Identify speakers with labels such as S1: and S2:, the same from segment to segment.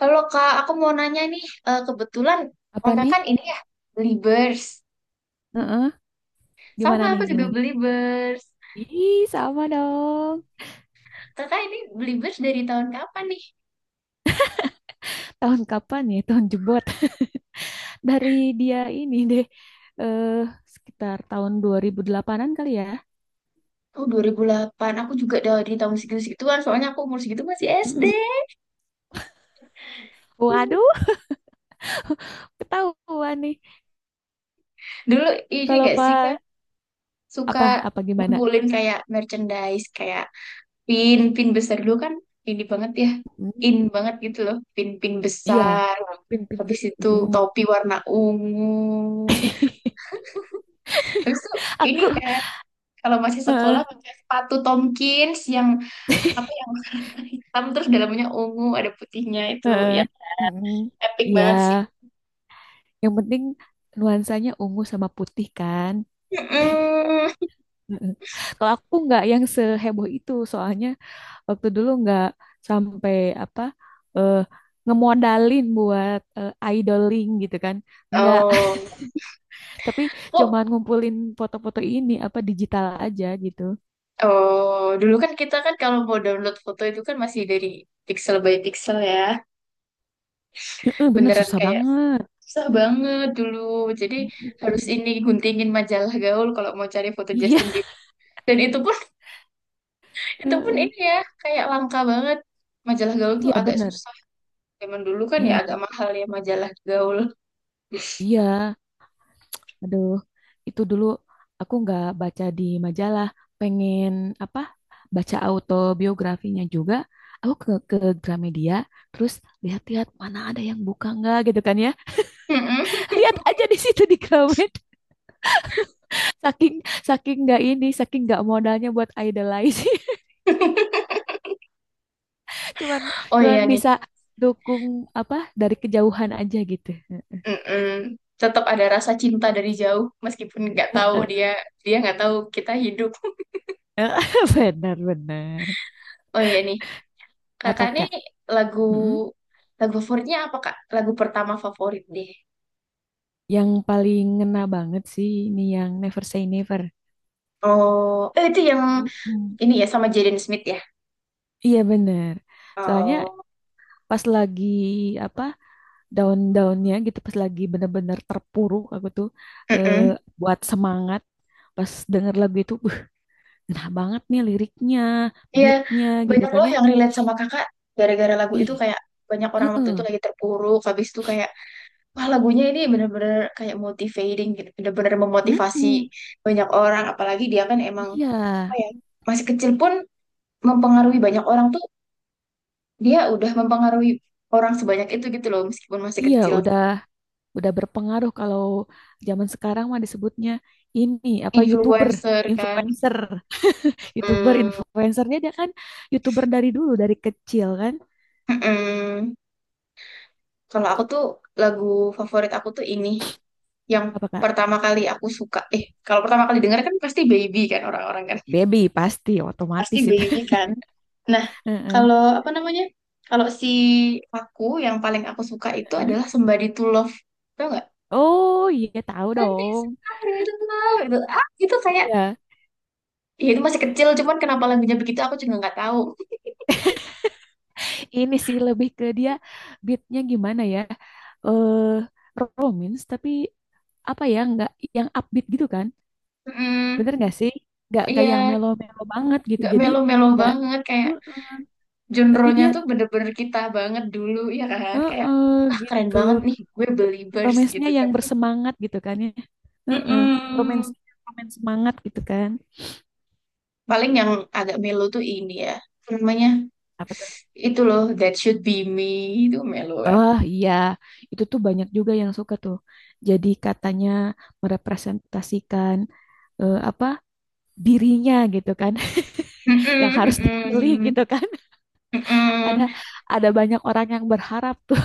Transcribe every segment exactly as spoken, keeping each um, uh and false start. S1: Halo Kak, aku mau nanya nih, eh, kebetulan
S2: Apa
S1: kakak
S2: nih?
S1: kan ini ya beli Bers.
S2: Heeh. Gimana
S1: Sama
S2: nih?
S1: aku juga
S2: Gimana?
S1: beli Bers.
S2: Ih, sama dong.
S1: Kakak ini beli Bers dari tahun kapan nih?
S2: Tahun kapan ya? Tahun jebot. Dari dia ini deh. Eh, Sekitar tahun dua ribu delapan-an kali ya.
S1: Oh dua ribu delapan aku juga dari tahun segitu-segituan, soalnya aku umur segitu masih S D.
S2: Mm-mm. Waduh, ketahuan nih.
S1: Dulu ini
S2: Kalau
S1: gak sih Kak,
S2: pak
S1: suka
S2: apa apa gimana?
S1: ngumpulin kayak merchandise, kayak pin, pin besar dulu kan ini banget ya,
S2: Mm.
S1: in banget gitu loh, pin-pin
S2: Iya,
S1: besar.
S2: pin pin.
S1: Habis itu
S2: Mm.
S1: topi warna ungu. Habis itu ini
S2: Aku,
S1: kan. Kalau masih
S2: heeh,
S1: sekolah pakai sepatu Tomkins yang apa yang warna hitam terus dalamnya ungu ada putihnya itu
S2: heeh,
S1: ya
S2: mm.
S1: epic
S2: Iya,
S1: banget sih.
S2: yang penting nuansanya ungu sama putih kan.
S1: Mm-mm.
S2: Heeh. Kalau aku nggak yang seheboh itu, soalnya waktu dulu nggak sampai apa eh, ngemodalin buat eh, idoling gitu kan, nggak.
S1: Oh,
S2: Tapi
S1: kok
S2: cuman ngumpulin foto-foto ini apa digital aja gitu.
S1: oh dulu kan kita kan kalau mau download foto itu kan masih dari pixel by pixel ya.
S2: Heeh, bener
S1: Beneran
S2: susah
S1: kayak
S2: banget.
S1: susah banget dulu. Jadi
S2: Mm.
S1: harus ini guntingin majalah gaul kalau mau cari foto
S2: Iya.
S1: Justin Bieber. Dan itu pun itu pun
S2: Heeh.
S1: ini ya kayak langka banget. Majalah gaul tuh
S2: Iya
S1: agak
S2: bener.
S1: susah. Zaman dulu kan ya
S2: Mm.
S1: agak mahal ya majalah gaul.
S2: Iya. Aduh, itu dulu aku nggak baca di majalah, pengen apa? Baca autobiografinya juga. Aku ke ke Gramedia, terus lihat-lihat mana ada yang buka nggak gitu kan ya.
S1: Mm-mm.
S2: Lihat aja di situ di Gramet. Saking saking nggak ini, saking nggak modalnya buat idolize. Cuman
S1: Oh
S2: cuman
S1: iya nih.
S2: bisa dukung apa dari kejauhan aja gitu.
S1: Mm-mm. Tetap ada rasa cinta dari jauh meskipun nggak tahu
S2: Heeh.
S1: dia dia nggak tahu kita hidup.
S2: Benar-benar.
S1: Oh iya nih,
S2: Apa
S1: kakak nih
S2: Kak?
S1: lagu
S2: Mm-mm.
S1: lagu favoritnya apa kak? Lagu pertama favorit deh.
S2: Yang paling ngena banget sih ini yang Never Say Never.
S1: Oh, eh, itu yang
S2: Mm.
S1: ini ya sama Jaden Smith ya.
S2: Iya bener. Soalnya
S1: Oh,
S2: pas lagi apa daun-daunnya gitu, pas lagi bener-bener terpuruk aku tuh eh,
S1: mm.
S2: buat semangat. Pas denger lagu itu, uh, enak banget nih liriknya,
S1: Iya,
S2: beatnya gitu
S1: banyak
S2: kan
S1: loh
S2: ya.
S1: yang relate sama kakak gara-gara lagu itu
S2: Ih,
S1: kayak banyak orang waktu itu lagi terpuruk, habis itu kayak wah, lagunya ini bener-bener kayak motivating gitu. Bener-bener memotivasi
S2: mm-mm,
S1: banyak orang. Apalagi dia kan emang
S2: iya,
S1: apa ya, masih kecil pun mempengaruhi banyak orang tuh. Dia udah mempengaruhi orang sebanyak itu gitu loh. Meskipun masih
S2: iya,
S1: kecil.
S2: udah udah berpengaruh. Kalau zaman sekarang mah disebutnya ini apa, YouTuber,
S1: Influencer kan.
S2: influencer. YouTuber,
S1: Mm,
S2: influencernya dia kan YouTuber dari dulu dari kecil kan.
S1: mm-mm. Kalau aku tuh lagu favorit aku tuh ini. Yang
S2: Apa Kak?
S1: pertama kali aku suka. Eh, kalau pertama kali denger kan pasti Baby kan orang-orang kan.
S2: Baby pasti
S1: Pasti
S2: otomatis itu.
S1: B U B kan. Nah,
S2: Heeh,
S1: kalau apa namanya? Kalau si aku yang paling aku suka itu
S2: heeh.
S1: adalah Somebody to Love. Tau nggak?
S2: Oh iya tahu
S1: Nanti
S2: dong.
S1: Somebody to Love itu ah itu kayak
S2: Iya,
S1: ya itu masih kecil cuman kenapa lagunya begitu aku juga nggak tahu.
S2: ini sih lebih ke dia, beatnya gimana ya? Eh Romance tapi apa ya, nggak yang upbeat gitu kan?
S1: Mm,
S2: Bener nggak sih? Nggak nggak yang
S1: iya,
S2: melo-melo banget gitu.
S1: nggak
S2: Jadi
S1: melo-melo
S2: nggak.
S1: banget kayak
S2: Heeh. Tapi
S1: genre-nya
S2: dia,
S1: tuh bener-bener kita banget dulu ya kan kayak
S2: heeh,
S1: wah keren
S2: gitu.
S1: banget nih gue believers
S2: Romance-nya
S1: gitu
S2: yang
S1: kan.
S2: bersemangat gitu kan ya. Heeh. Romance,
S1: Mm-mm.
S2: romance semangat gitu kan.
S1: Paling yang agak melo tuh ini ya. Apa namanya
S2: Apa?
S1: itu loh That Should Be Me itu melu kan.
S2: Oh iya, itu tuh banyak juga yang suka tuh. Jadi katanya merepresentasikan eh, apa, dirinya gitu kan. Yang harus
S1: Mm-mm,
S2: dipilih
S1: mm-mm,
S2: gitu kan. Ada
S1: mm-mm.
S2: ada banyak orang yang berharap tuh.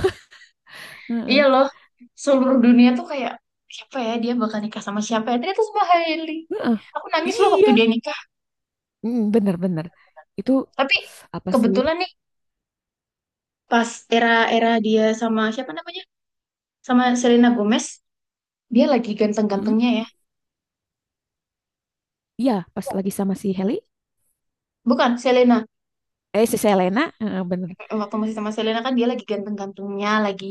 S1: Iya
S2: Heeh.
S1: loh seluruh dunia tuh kayak siapa ya dia bakal nikah sama siapa ya ternyata sama Hailey.
S2: Heeh.
S1: Aku nangis loh waktu
S2: Iya.
S1: dia nikah,
S2: Mm, bener-bener. Itu
S1: tapi
S2: apa sih?
S1: kebetulan nih pas era-era dia sama siapa namanya sama Selena Gomez dia lagi
S2: Mm.
S1: ganteng-gantengnya ya
S2: Iya, pas lagi sama si Heli,
S1: bukan Selena.
S2: eh si Selena. Heeh, bener.
S1: Eh, waktu masih sama Selena kan dia lagi ganteng-gantengnya lagi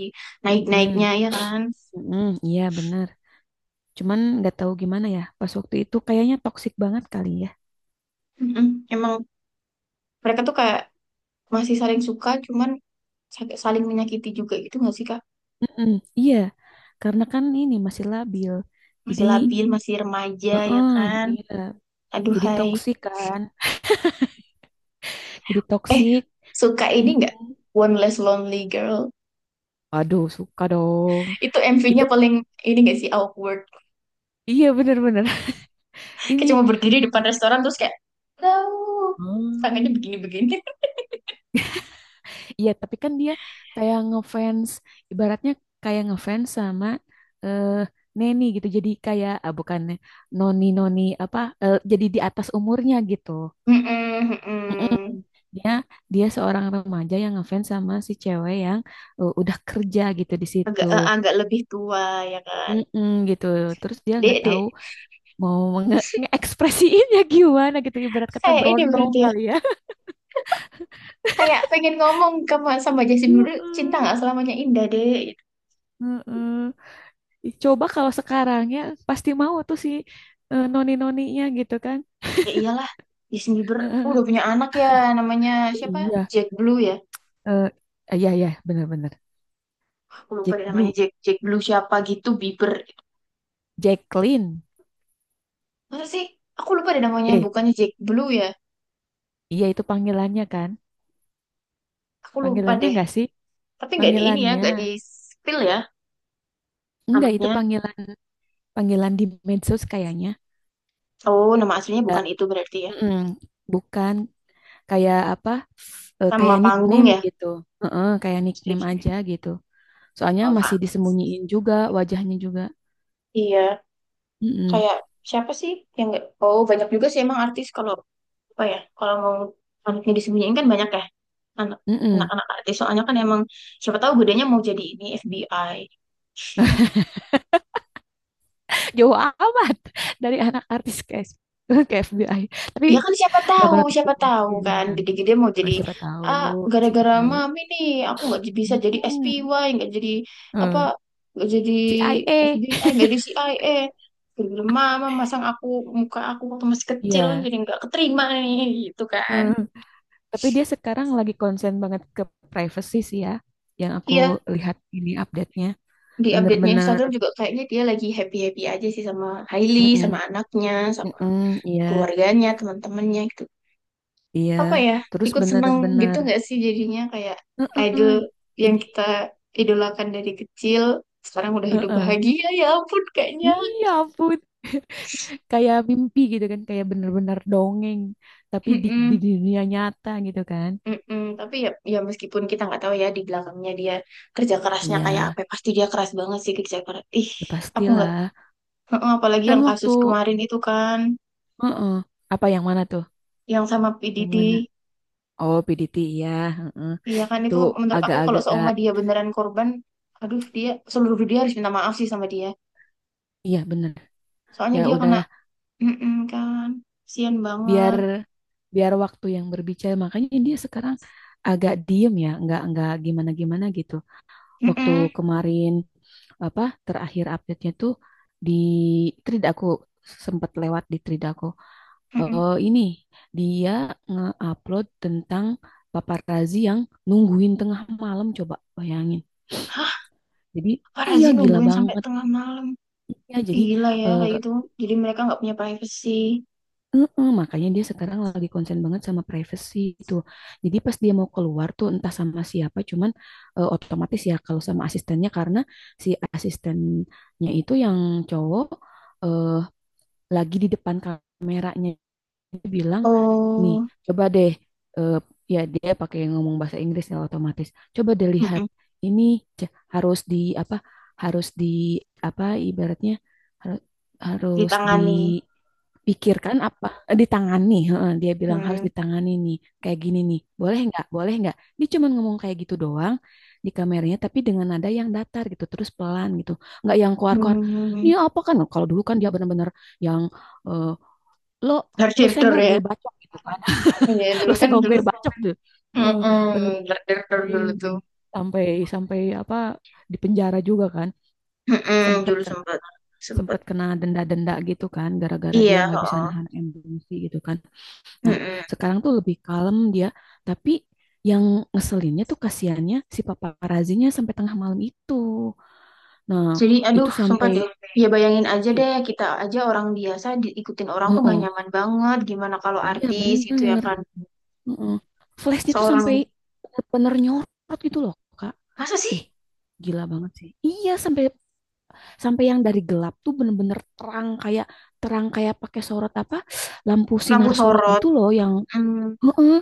S2: Mm,
S1: naik-naiknya ya kan.
S2: mm, iya bener. Cuman nggak tahu gimana ya. Pas waktu itu kayaknya toksik banget kali ya.
S1: Mm-mm. Emang mereka tuh kayak masih saling suka, cuman sak- saling menyakiti juga gitu nggak sih Kak?
S2: Mm-mm, iya, karena kan ini masih labil. Jadi,
S1: Masih labil, masih remaja ya
S2: heeh,
S1: kan?
S2: iya. Jadi
S1: Aduhai.
S2: toksik kan. Jadi
S1: Eh,
S2: toksik.
S1: suka ini nggak?
S2: Mm-mm.
S1: One Less Lonely Girl.
S2: Waduh, suka dong.
S1: Itu
S2: Itu
S1: M V-nya paling ini nggak sih awkward.
S2: iya bener-bener. Ini.
S1: Kayak cuma berdiri di depan restoran terus kayak tahu
S2: Hmm.
S1: tangannya begini-begini.
S2: Iya, tapi kan dia kayak ngefans, ibaratnya kayak ngefans sama eh Neni gitu. Jadi kayak ah, bukannya noni-noni apa, eh, jadi di atas umurnya gitu.
S1: Mm-mm,
S2: Mm-mm.
S1: mm-mm.
S2: Dia dia seorang remaja yang ngefans sama si cewek yang uh, udah kerja gitu di situ.
S1: Agak eh, agak lebih tua ya kan.
S2: Mm-mm, gitu. Terus dia nggak
S1: Dek, dek.
S2: tahu mau nge- ngeekspresiinnya gimana gitu. Ibarat kata
S1: Kayak ini
S2: berondong
S1: berarti ya.
S2: kali ya.
S1: Kayak pengen ngomong sama sama Justin Bieber, cinta
S2: Mm-mm,
S1: nggak selamanya indah, dek.
S2: mm-mm. Ih, coba kalau sekarang ya, pasti mau tuh si eh, noni-noninya gitu kan.
S1: Ya iyalah, Justin Bieber udah
S2: Mm.
S1: punya anak ya, namanya siapa?
S2: Iya,
S1: Jack Blue ya.
S2: eh, iya iya benar-benar.
S1: Aku lupa
S2: Jack
S1: deh namanya
S2: Blue,
S1: Jack Jack Blue siapa gitu Bieber.
S2: Jacqueline.
S1: Masa sih? Aku lupa deh namanya,
S2: Eh,
S1: bukannya Jack Blue ya.
S2: iya itu panggilannya kan?
S1: Aku lupa
S2: Panggilannya
S1: deh.
S2: enggak sih?
S1: Tapi nggak di ini ya,
S2: Panggilannya.
S1: nggak di spill ya
S2: Enggak, itu
S1: anaknya.
S2: panggilan panggilan di medsos kayaknya.
S1: Oh, nama aslinya
S2: Eh,
S1: bukan itu berarti ya.
S2: mm-mm, bukan kayak apa? Eh,
S1: Nama
S2: kayak
S1: panggung
S2: nickname
S1: ya.
S2: gitu. Heeh, kayak nickname
S1: Jadi,
S2: aja gitu. Soalnya
S1: apa
S2: masih disembunyiin juga wajahnya juga.
S1: iya,
S2: Mm-mm,
S1: kayak siapa sih yang nggak? Oh, banyak juga sih emang artis kalau oh ya, kalau mau anaknya disembunyiin kan banyak ya. Anak,
S2: mm-mm.
S1: anak-anak artis. Soalnya kan emang siapa tahu gedenya mau jadi ini F B I.
S2: Jauh amat dari anak artis ke S- ke F B I. Tapi
S1: Ya kan siapa
S2: nggak
S1: tahu,
S2: menutup
S1: siapa tahu kan
S2: kemungkinan.
S1: gede-gede mau
S2: Oh,
S1: jadi
S2: siapa
S1: ah
S2: tahu, siapa
S1: gara-gara
S2: tahu.
S1: mami nih aku nggak j- bisa jadi
S2: Mm-mm.
S1: S P Y, nggak jadi apa,
S2: Eh,
S1: nggak jadi
S2: C I A.
S1: F B I, nggak jadi C I A. Gara-gara mama masang aku muka aku waktu masih kecil
S2: Iya.
S1: jadi nggak keterima nih gitu kan.
S2: Tapi dia sekarang lagi konsen banget ke privacy sih ya, yang aku
S1: Iya
S2: lihat ini update-nya.
S1: di update-nya
S2: Bener-bener,
S1: Instagram juga kayaknya dia lagi happy-happy aja sih sama Hailey,
S2: mm-mm,
S1: sama anaknya, sama
S2: mm-mm, iya,
S1: keluarganya, teman-temannya gitu.
S2: iya.
S1: Apa ya,
S2: Terus
S1: ikut seneng gitu
S2: bener-bener,
S1: nggak sih jadinya kayak idol
S2: mm-mm,
S1: yang
S2: jadi,
S1: kita idolakan dari kecil, sekarang udah hidup
S2: mm-mm.
S1: bahagia, ya ampun kayaknya.
S2: Iya ampun. Kayak mimpi gitu kan, kayak bener-bener dongeng, tapi di, di
S1: Mm-mm,
S2: dunia nyata gitu kan.
S1: mm-mm. Tapi ya, ya meskipun kita nggak tahu ya di belakangnya dia kerja kerasnya kayak
S2: Iya,
S1: apa, pasti dia keras banget sih kerja keras. Ih,
S2: ya
S1: aku nggak,
S2: pastilah.
S1: heeh, apalagi
S2: Kan
S1: yang
S2: waktu,
S1: kasus kemarin itu kan,
S2: mm, apa yang mana tuh?
S1: yang sama
S2: Yang
S1: P D D.
S2: mana? Oh, P D T, iya. Mm-mm.
S1: Iya kan
S2: Itu
S1: itu menurut aku kalau
S2: agak-agak.
S1: seumur dia beneran korban, aduh dia seluruh dunia harus minta maaf sih sama dia.
S2: Iya bener,
S1: Soalnya
S2: ya
S1: dia kena,
S2: udahlah,
S1: mm kan, sian
S2: biar
S1: banget.
S2: biar waktu yang berbicara, makanya dia sekarang agak diem ya, nggak nggak gimana gimana gitu waktu
S1: Mm-mm,
S2: kemarin. Apa terakhir update-nya tuh di thread aku, sempat lewat di thread aku.
S1: mm-mm.
S2: Eh, ini dia nge-upload tentang paparazzi yang nungguin tengah malam, coba bayangin.
S1: Hah,
S2: Jadi iya
S1: Parazi
S2: gila
S1: nungguin sampai
S2: banget
S1: tengah malam.
S2: ya, jadi
S1: Gila ya
S2: eh,
S1: kayak gitu. Jadi mereka nggak punya privacy.
S2: heeh, makanya dia sekarang lagi konsen banget sama privacy itu. Jadi pas dia mau keluar tuh entah sama siapa, cuman eh, otomatis ya kalau sama asistennya, karena si asistennya itu yang cowok, eh, lagi di depan kameranya dia bilang, "Nih,
S1: Oh,
S2: coba deh, eh, ya dia pakai ngomong bahasa Inggris ya otomatis. Coba deh lihat
S1: mm-mm.
S2: ini, c- harus di apa? Harus di apa ibaratnya, har- harus
S1: Ditangani.
S2: pikirkan apa, eh, ditangani." Heeh, dia bilang harus
S1: Hmm.
S2: ditangani nih, kayak gini nih, boleh nggak boleh nggak. Dia cuma ngomong kayak gitu doang di kameranya, tapi dengan nada yang datar gitu, terus pelan gitu, nggak yang
S1: Hmm,
S2: keluar-keluar
S1: hmm, hmm, hmm.
S2: nih apa. Kan kalau dulu kan dia benar-benar yang eh, lo,
S1: Dark
S2: lo
S1: Theater
S2: senggol gue
S1: ya.
S2: bacok gitu kan.
S1: Iya
S2: Lo
S1: dulu kan
S2: senggol
S1: dulu.
S2: gue bacok tuh. Eh,
S1: Mm-mm. Dark
S2: Bener-bener
S1: Theater
S2: sampai,
S1: dulu tuh.
S2: sampai sampai apa, di penjara juga kan,
S1: Mm-mm.
S2: sempet
S1: Dulu
S2: kena,
S1: sempet sempet.
S2: sempet kena denda-denda gitu kan, gara-gara dia
S1: Iya,
S2: nggak bisa
S1: heeh.
S2: nahan emosi gitu kan. Nah, sekarang tuh lebih kalem dia, tapi yang ngeselinnya tuh kasihannya si paparazinya sampai tengah malam itu. Nah,
S1: Jadi, aduh,
S2: itu
S1: sumpah
S2: sampai
S1: deh. Ya bayangin aja deh,
S2: ih,
S1: kita aja orang biasa diikutin orang tuh nggak
S2: heeh.
S1: nyaman banget. Gimana kalau
S2: Iya
S1: artis gitu ya
S2: bener.
S1: kan?
S2: Heeh. Flashnya tuh
S1: Seorang,
S2: sampai bener-bener nyorot gitu loh, Kak.
S1: masa sih?
S2: Ih, gila banget sih. Iya, sampai sampai yang dari gelap tuh bener-bener terang, kayak terang kayak pakai sorot apa? Lampu
S1: Lampu
S2: sinar sorot
S1: sorot.
S2: gitu loh yang,
S1: Hmm,
S2: heeh,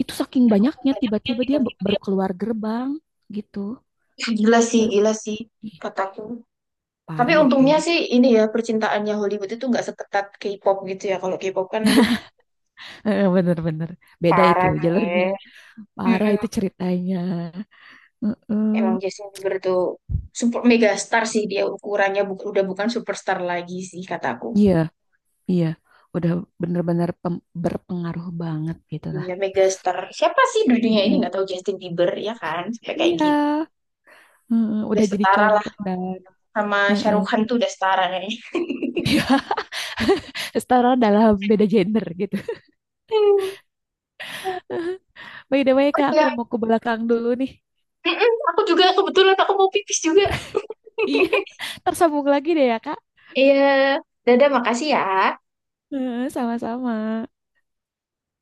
S2: itu saking banyaknya,
S1: banyak yang
S2: tiba-tiba dia b- baru
S1: tiba-tiba.
S2: keluar gerbang gitu.
S1: Ih, gila sih,
S2: Baru
S1: gila sih,
S2: ih,
S1: kataku. Tapi
S2: parah itu.
S1: untungnya sih ini ya, percintaannya Hollywood itu nggak seketat K-pop gitu ya. Kalau K-pop kan, aduh,
S2: Heeh, bener-bener beda itu
S1: parah
S2: jalurnya.
S1: deh.
S2: Parah itu
S1: Mm-mm.
S2: ceritanya.
S1: Emang
S2: Heeh.
S1: Justin Bieber tuh super megastar sih dia ukurannya bu- udah bukan superstar lagi sih kataku.
S2: Iya, iya. Udah bener-bener pem- berpengaruh banget gitu lah.
S1: Iya, megastar. Siapa sih di dunia ini
S2: Heeh.
S1: nggak tahu Justin Bieber ya kan? Sampai kayak
S2: Iya,
S1: gini.
S2: heeh,
S1: Udah
S2: udah jadi
S1: setara lah
S2: contoh dan
S1: sama Shah
S2: heeh.
S1: Rukh Khan tuh udah setara kayaknya.
S2: Iya, setara dalam beda gender gitu. By the way,
S1: Oh
S2: Kak,
S1: iya,
S2: aku mau ke belakang dulu nih.
S1: mm-mm, aku juga kebetulan aku mau pipis juga.
S2: Iya, tersambung lagi deh ya, Kak.
S1: Iya, dadah makasih ya.
S2: Heeh, sama-sama.